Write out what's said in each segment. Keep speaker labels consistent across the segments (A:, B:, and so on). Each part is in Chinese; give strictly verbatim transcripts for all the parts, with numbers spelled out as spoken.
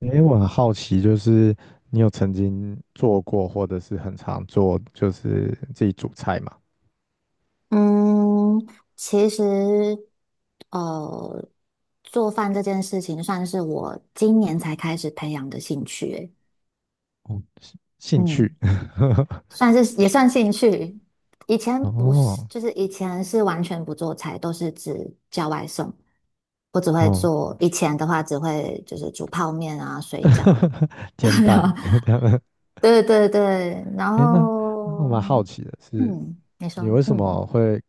A: 诶，我很好奇，就是你有曾经做过，或者是很常做，就是自己煮菜嘛？
B: 嗯，其实，呃，做饭这件事情算是我今年才开始培养的兴趣欸，
A: 哦，兴兴趣。
B: 嗯，算是也算兴趣。以前不是，
A: 哦
B: 就是以前是完全不做菜，都是只叫外送。我只会
A: 哦，
B: 做，以前的话只会就是煮泡面啊、水饺。
A: 煎蛋 这样。
B: 对对对，然
A: 诶，那那我
B: 后，
A: 蛮好奇的是，
B: 嗯，你说，
A: 你为什
B: 嗯
A: 么会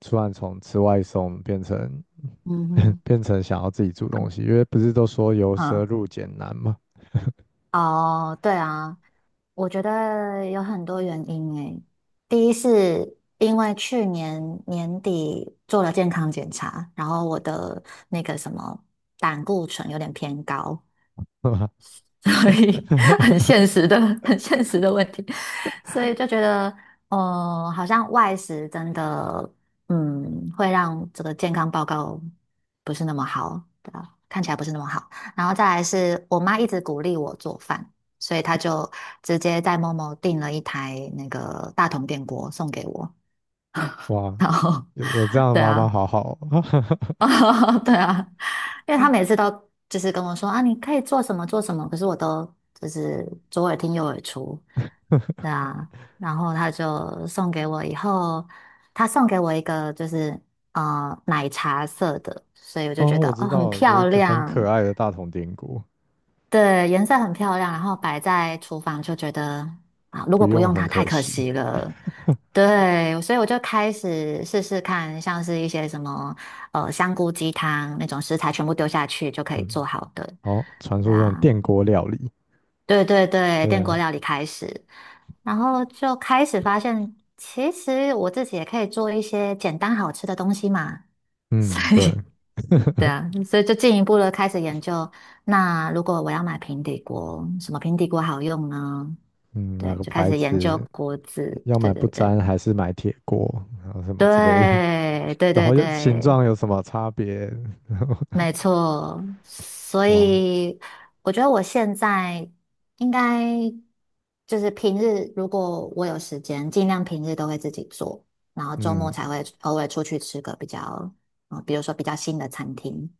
A: 突然从吃外送变成
B: 嗯 嗯。
A: 变成想要自己煮东西？因为不是都说由奢
B: 啊。
A: 入俭难吗？
B: 哦，对啊，我觉得有很多原因诶。第一是因为去年年底做了健康检查，然后我的那个什么胆固醇有点偏高，所以 很现实的、很现实的问题，所以就觉得，呃，好像外食真的，嗯，会让这个健康报告不是那么好，对吧？看起来不是那么好。然后再来是我妈一直鼓励我做饭，所以她就直接在某某订了一台那个大同电锅送给我，
A: 哇，
B: 然后，
A: 有有这样 的
B: 对
A: 妈妈
B: 啊，
A: 好好哦。
B: 哦，对啊，因为他每次都就是跟我说啊，你可以做什么做什么，可是我都就是左耳听右耳出，对啊，然后他就送给我以后，他送给我一个就是呃奶茶色的，所以我就觉
A: 哦，
B: 得
A: 我知
B: 哦很
A: 道了有一
B: 漂
A: 个很可
B: 亮，
A: 爱的大同电锅，
B: 对，颜色很漂亮，然后摆在厨房就觉得啊，如
A: 不
B: 果不
A: 用
B: 用
A: 很
B: 它太
A: 可
B: 可
A: 惜。
B: 惜了。对，所以我就开始试试看，像是一些什么呃香菇鸡汤那种食材，全部丢下去就可以做
A: 嗯，
B: 好的。
A: 好，传
B: 对
A: 说中的
B: 啊，
A: 电锅料理，
B: 对对对，电锅
A: 对，
B: 料理开始，然后就开始发现，其实我自己也可以做一些简单好吃的东西嘛。所
A: 嗯，对，
B: 以对啊，所以就进一步的开始研究。那如果我要买平底锅，什么平底锅好用呢？
A: 嗯，哪
B: 对，
A: 个
B: 就开
A: 牌
B: 始研究
A: 子
B: 锅子。
A: 要
B: 对
A: 买
B: 对
A: 不
B: 对，
A: 粘还是买铁锅，然后什么之类的，
B: 对 对
A: 然
B: 对
A: 后又形
B: 对，
A: 状有什么差别？然后
B: 没错。所
A: 哇，
B: 以我觉得我现在应该就是平日，如果我有时间，尽量平日都会自己做，然后周
A: 嗯，
B: 末才会偶尔出去吃个比较，嗯，比如说比较新的餐厅。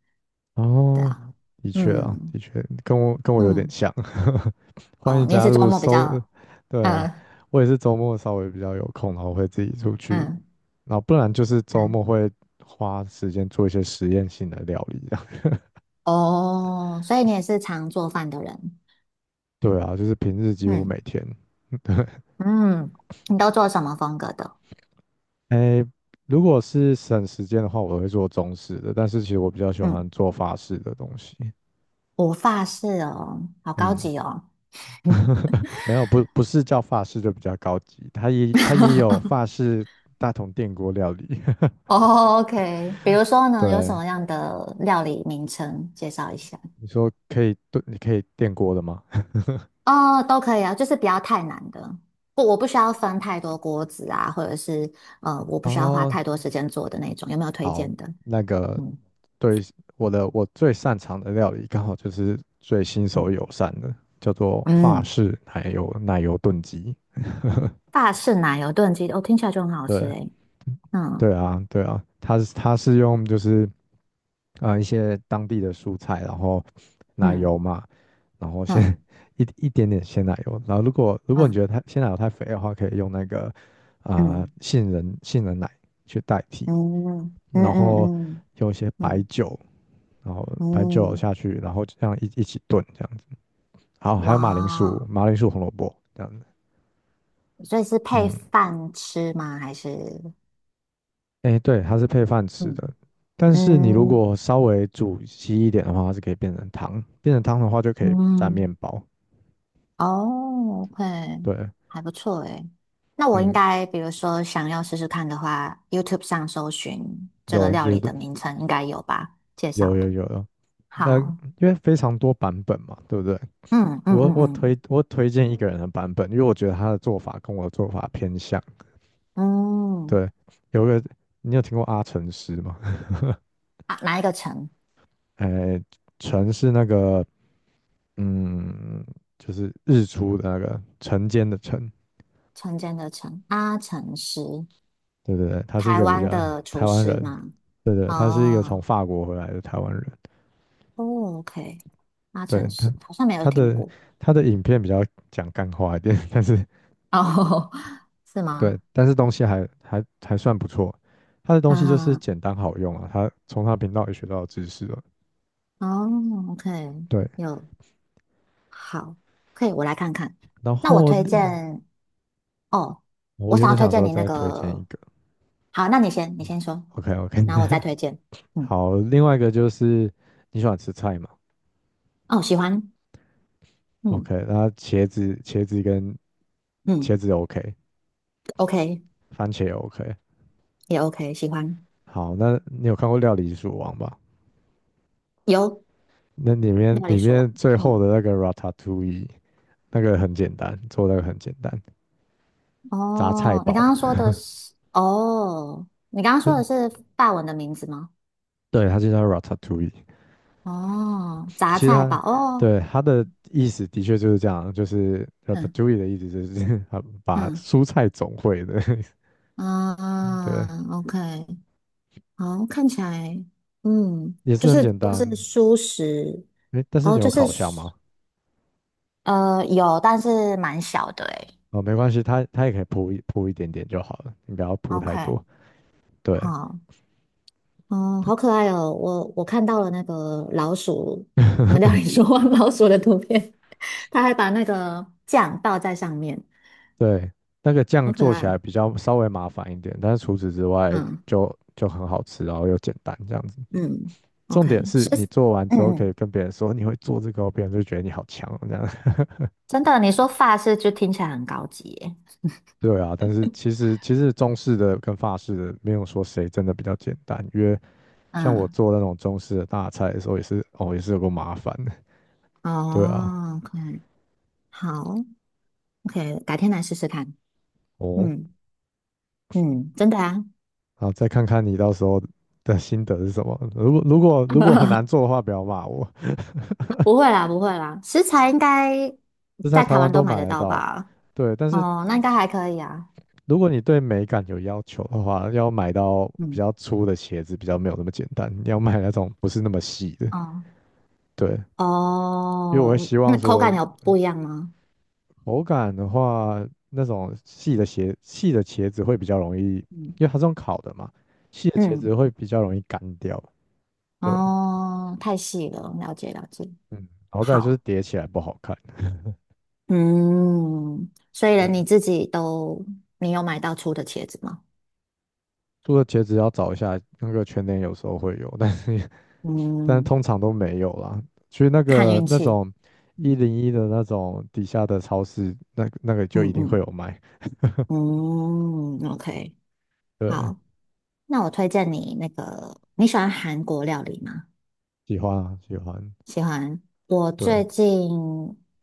B: 对
A: 哦，
B: 啊，
A: 的确啊，
B: 嗯
A: 的确跟我跟我有点
B: 嗯。
A: 像，欢
B: 哦，
A: 迎
B: 你也
A: 加
B: 是周
A: 入
B: 末比
A: 搜，
B: 较，
A: 对，
B: 嗯
A: 我也是周末稍微比较有空，然后会自己出去
B: 嗯，
A: 然后不然就是周
B: 嗯，
A: 末会花时间做一些实验性的料理这样
B: 哦，所以你也是常做饭的人，
A: 对啊，就是平日几乎每
B: 嗯
A: 天。
B: 嗯，你都做什么风格的？
A: 哎，如果是省时间的话，我会做中式的，但是其实我比较喜
B: 嗯，
A: 欢做法式的东西。
B: 我法式哦，好高
A: 嗯，
B: 级哦。
A: 没有，不不是叫法式就比较高级，它也它也有 法式大桶电锅料理。
B: 哦，OK，比如说呢，有什
A: 对，
B: 么样的料理名称介绍一下？
A: 你说可以炖，你可以电锅的吗？
B: 哦，都可以啊，就是不要太难的，不，我不需要分太多锅子啊，或者是呃，我不需要花
A: 哦，
B: 太多时间做的那种，有没有推
A: 好，
B: 荐的？
A: 那个
B: 嗯
A: 对我的我最擅长的料理，刚好就是最新
B: 嗯
A: 手友善的，叫做法
B: 嗯
A: 式奶油奶油炖鸡。
B: 大式奶油炖鸡，哦，听起来就很好吃
A: 对
B: 诶。嗯
A: 对啊对啊，它是它是用就是啊、呃一些当地的蔬菜，然后奶
B: 嗯
A: 油嘛，然后先
B: 嗯
A: 一一点点鲜奶油，然后如果如果你觉
B: 嗯
A: 得太鲜奶油太肥的话，可以用那个啊、呃
B: 嗯
A: 杏仁杏仁奶去代替，
B: 嗯嗯
A: 然
B: 嗯
A: 后
B: 嗯
A: 用一些白
B: 嗯
A: 酒，然后白酒
B: 嗯，
A: 下去，然后这样一一起炖这样子。好，还有马铃薯、
B: 哇！
A: 马铃薯红萝卜这样子。
B: 所以是配
A: 嗯，
B: 饭吃吗？还是
A: 哎，对，它是配饭吃
B: 嗯
A: 的，但是你如
B: 嗯
A: 果稍微煮稀一点的话，它是可以变成汤，变成汤的话就可以蘸面
B: 嗯
A: 包。
B: 哦，OK，
A: 对，
B: 还不错诶。那我应
A: 嗯，
B: 该，比如说想要试试看的话，YouTube 上搜寻这个
A: 有，
B: 料
A: 觉
B: 理
A: 得
B: 的名称，应该有吧？介
A: 有
B: 绍
A: 有
B: 的。
A: 有有。那因
B: 好，
A: 为非常多版本嘛，对不对？
B: 嗯嗯
A: 我
B: 嗯
A: 我
B: 嗯
A: 推我推荐一个人的版本，因为我觉得他的做法跟我的做法偏向。
B: 嗯。
A: 对，有个你有听过阿成师吗？
B: 啊，哪一个陈？
A: 哎，纯是那个嗯，就是日出的那个晨间的晨，
B: 陈间的陈，阿陈师，
A: 对对对，他是一
B: 台
A: 个比
B: 湾
A: 较
B: 的
A: 台
B: 厨
A: 湾
B: 师
A: 人，
B: 吗？
A: 对对，他是一个从
B: 哦，
A: 法国回来的台湾人，
B: 哦，OK，阿
A: 对
B: 陈师
A: 他
B: 好像没有
A: 他
B: 听
A: 的
B: 过，
A: 他的影片比较讲干话一点，但是
B: 哦，是吗？
A: 对，但是东西还还还算不错，他的东西就是
B: 啊，
A: 简单好用啊，他从他频道也学到知识了，
B: 哦，OK，
A: 对，
B: 有，好，可以，我来看看。
A: 然
B: 那我
A: 后
B: 推
A: 嗯
B: 荐，哦，
A: 我
B: 我
A: 原
B: 想要
A: 本
B: 推
A: 想
B: 荐
A: 说
B: 你那
A: 再推荐一
B: 个，
A: 个
B: 好，那你先，你先说，
A: ，OK OK,
B: 然后我再推荐。嗯，
A: 好，另外一个就是你喜欢吃菜吗？
B: 哦，喜欢，嗯
A: OK，那茄子、茄子跟茄
B: 嗯
A: 子 OK，
B: ，OK，
A: 番茄也 OK。
B: 也 OK，喜欢，
A: 好，那你有看过《料理鼠王》吧？
B: 有
A: 那里面
B: 料理
A: 里
B: 说完
A: 面最后
B: 嗯。
A: 的那个 Ratatouille，那个很简单，做那个很简单，杂菜
B: 哦，你刚
A: 煲。
B: 刚说的是哦，你刚刚说的 是法文的名字吗？
A: 对，它就叫 Ratatouille。
B: 哦，杂
A: 其实
B: 菜
A: 它
B: 堡哦，
A: 对它的意思的确就是这样，就是
B: 嗯
A: Ratatouille 的意思就是 它把
B: 嗯
A: 蔬菜总会的。对，
B: 啊，OK，好，看起来，嗯，
A: 也
B: 就
A: 是很
B: 是
A: 简
B: 都是
A: 单。
B: 蔬食，
A: 诶，但是
B: 哦，
A: 你有
B: 就是
A: 烤箱吗？
B: 呃有，但是蛮小的诶。
A: 哦，没关系，它它也可以铺一铺一点点就好了，你不要铺太
B: OK，
A: 多。对
B: 好，嗯，好可爱哦，我我看到了那个老鼠，那个料理说话 老鼠的图片，它还把那个酱倒在上面。
A: 对，那个酱
B: 好可
A: 做起
B: 爱。
A: 来比较稍微麻烦一点，但是除此之外
B: 嗯
A: 就就很好吃，然后又简单这样子。
B: 嗯
A: 重点
B: ，OK，
A: 是
B: 是
A: 你做完之后
B: 嗯
A: 可
B: 嗯，
A: 以跟别人说你会做这个哦，别人就觉得你好强哦这样。
B: 真的，你说发饰就听起来很高级耶。
A: 对啊，但是其实其实中式的跟法式的没有说谁真的比较简单，因为像我
B: 嗯
A: 做那种中式的大菜的时候也是哦也是有个麻烦的。对啊，
B: 哦可 k 好，OK，改天来试试看。
A: 哦，
B: 嗯，嗯，真的啊，
A: 好，再看看你到时候的心得是什么。如果如果如果很难做的话，不要骂我，
B: 不会啦，不会啦，食材应该
A: 这在
B: 在
A: 台
B: 台
A: 湾
B: 湾都
A: 都
B: 买
A: 买
B: 得
A: 得
B: 到
A: 到。
B: 吧？
A: 对，但是
B: 哦，那应该还可以啊。
A: 如果你对美感有要求的话，要买到比
B: 嗯
A: 较粗的茄子比较没有那么简单，你要买那种不是那么细的。
B: 哦
A: 对，因为我会
B: 哦，
A: 希望
B: 那口
A: 说
B: 感有不一样吗？
A: 口感的话，那种细的鞋细的茄子会比较容易，因
B: 嗯，
A: 为它这种烤的嘛，细的茄子
B: 嗯，
A: 会比较容易干掉。对啊
B: 哦，太细了，了解了解。
A: 嗯，然后再来就是
B: 好。
A: 叠起来不好看。
B: 嗯，所以连你
A: 对
B: 自己都，你有买到粗的茄子吗？
A: 做的茄子要找一下，那个全年有时候会有，但是但是
B: 嗯，
A: 通常都没有啦。去那
B: 看
A: 个
B: 运
A: 那
B: 气。
A: 种一
B: 嗯
A: 零一的那种底下的超市，那个那个
B: 嗯
A: 就一定会
B: 嗯
A: 有卖。
B: 嗯，OK，
A: 对，
B: 好，那我推荐你那个，你喜欢韩国料理吗？
A: 喜欢啊，喜欢。
B: 喜欢。我
A: 对，
B: 最近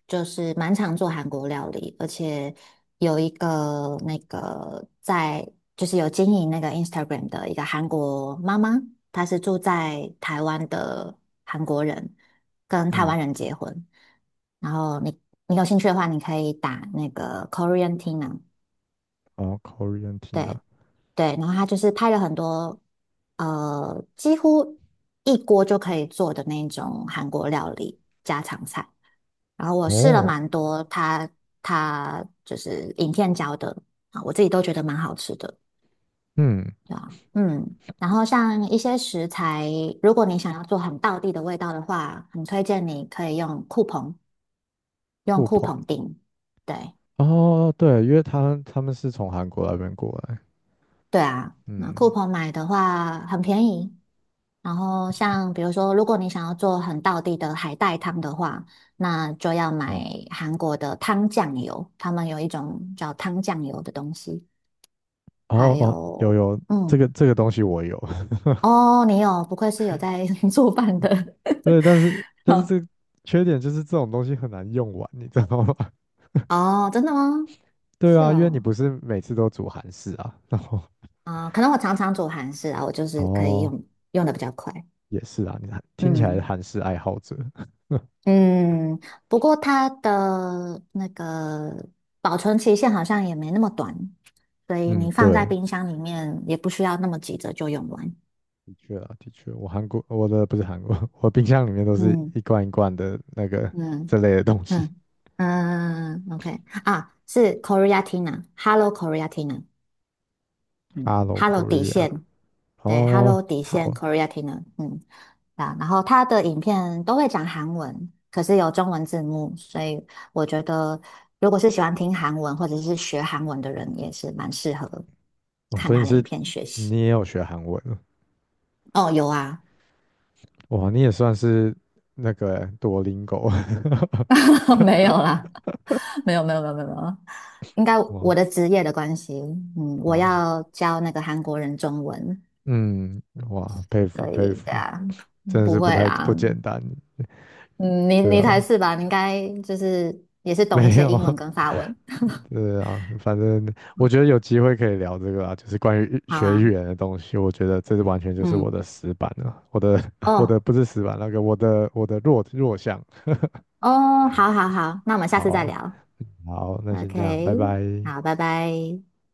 B: 就是蛮常做韩国料理，而且有一个那个在就是有经营那个 Instagram 的一个韩国妈妈，她是住在台湾的韩国人，跟台
A: 嗯，
B: 湾人结婚。然后你你有兴趣的话，你可以打那个 Korean Tina，
A: 哦，Korean Tina，
B: 对对，然后他就是拍了很多呃，几乎一锅就可以做的那种韩国料理家常菜。然后我试了
A: 哦，
B: 蛮多他他就是影片教的啊，我自己都觉得蛮好吃的，
A: 嗯，
B: 对啊，嗯。然后像一些食材，如果你想要做很道地的味道的话，很推荐你可以用酷澎，用
A: 酷
B: 酷
A: 鹏，
B: 澎订。对
A: 哦，对，因为他他们是从韩国那边过来，
B: 对啊，那酷
A: 嗯，
B: 澎买的话很便宜，然后像比如说，如果你想要做很道地的海带汤的话，那就要
A: 哦，
B: 买韩国的汤酱油，他们有一种叫汤酱油的东西，
A: 哦
B: 还
A: 哦，有
B: 有
A: 有这个
B: 嗯，
A: 这个东西我有，
B: 哦，你有，不愧是有在 做饭的，
A: 对，但是 但是
B: 哦，
A: 这个缺点就是这种东西很难用完，你知道吗？
B: 哦真的吗？
A: 对
B: 是
A: 啊，因为你
B: 哦，
A: 不是每次都煮韩式啊，然后
B: 啊、可能我常常煮韩式啊，我就 是可以
A: 哦
B: 用用的比较快，
A: 也是啊，你看听起来是
B: 嗯。
A: 韩式爱好者，
B: 嗯，不过它的那个保存期限好像也没那么短，所以
A: 嗯，
B: 你放在
A: 对，
B: 冰箱里面也不需要那么急着就用完。
A: 的确啊，的确，我韩国我的不是韩国，我冰箱里面都是
B: 嗯
A: 一罐一罐的那个
B: 嗯
A: 这类的东西
B: 嗯嗯，OK 啊，是 Korea Tina，Hello Korea Tina。嗯
A: ，Hello
B: ，Hello 底
A: Korea，
B: 线，对
A: 哦，
B: ，Hello 底线
A: 好
B: Korea t i n a 嗯，啊，然后他的影片都会讲韩文，可是有中文字幕，所以我觉得如果是喜欢听韩文或者是学韩文的人，也是蛮适合
A: 哦
B: 看
A: 所以你
B: 他的影
A: 是
B: 片学习。
A: 你也有学韩文了，
B: 哦，有啊，
A: 哇，你也算是那个多邻狗，
B: 没有啦，没有没有没有没有，没有应该
A: 哇
B: 我的职业的关系，嗯，我
A: 哇，
B: 要教那个韩国人中文，
A: 嗯哇，佩
B: 所
A: 服佩
B: 以对
A: 服，
B: 啊，
A: 真的
B: 不
A: 是不
B: 会
A: 太
B: 啦，
A: 不简单，
B: 嗯，你
A: 对
B: 你
A: 啊，
B: 才是吧？你应该就是也是懂
A: 没
B: 一些英文
A: 有。
B: 跟法文。
A: 对啊，反正我觉得有机会可以聊这个啊，就是关于
B: 好
A: 学语
B: 啊，
A: 言的东西，我觉得这是完全就是我
B: 嗯，
A: 的死板了，我的 我的
B: 哦
A: 不是死板，那个我的我的弱弱项。
B: 哦，好好好，那我们下
A: 好
B: 次再
A: 啊，
B: 聊。
A: 好，那先这样，
B: OK，
A: 拜拜。
B: 好，拜拜。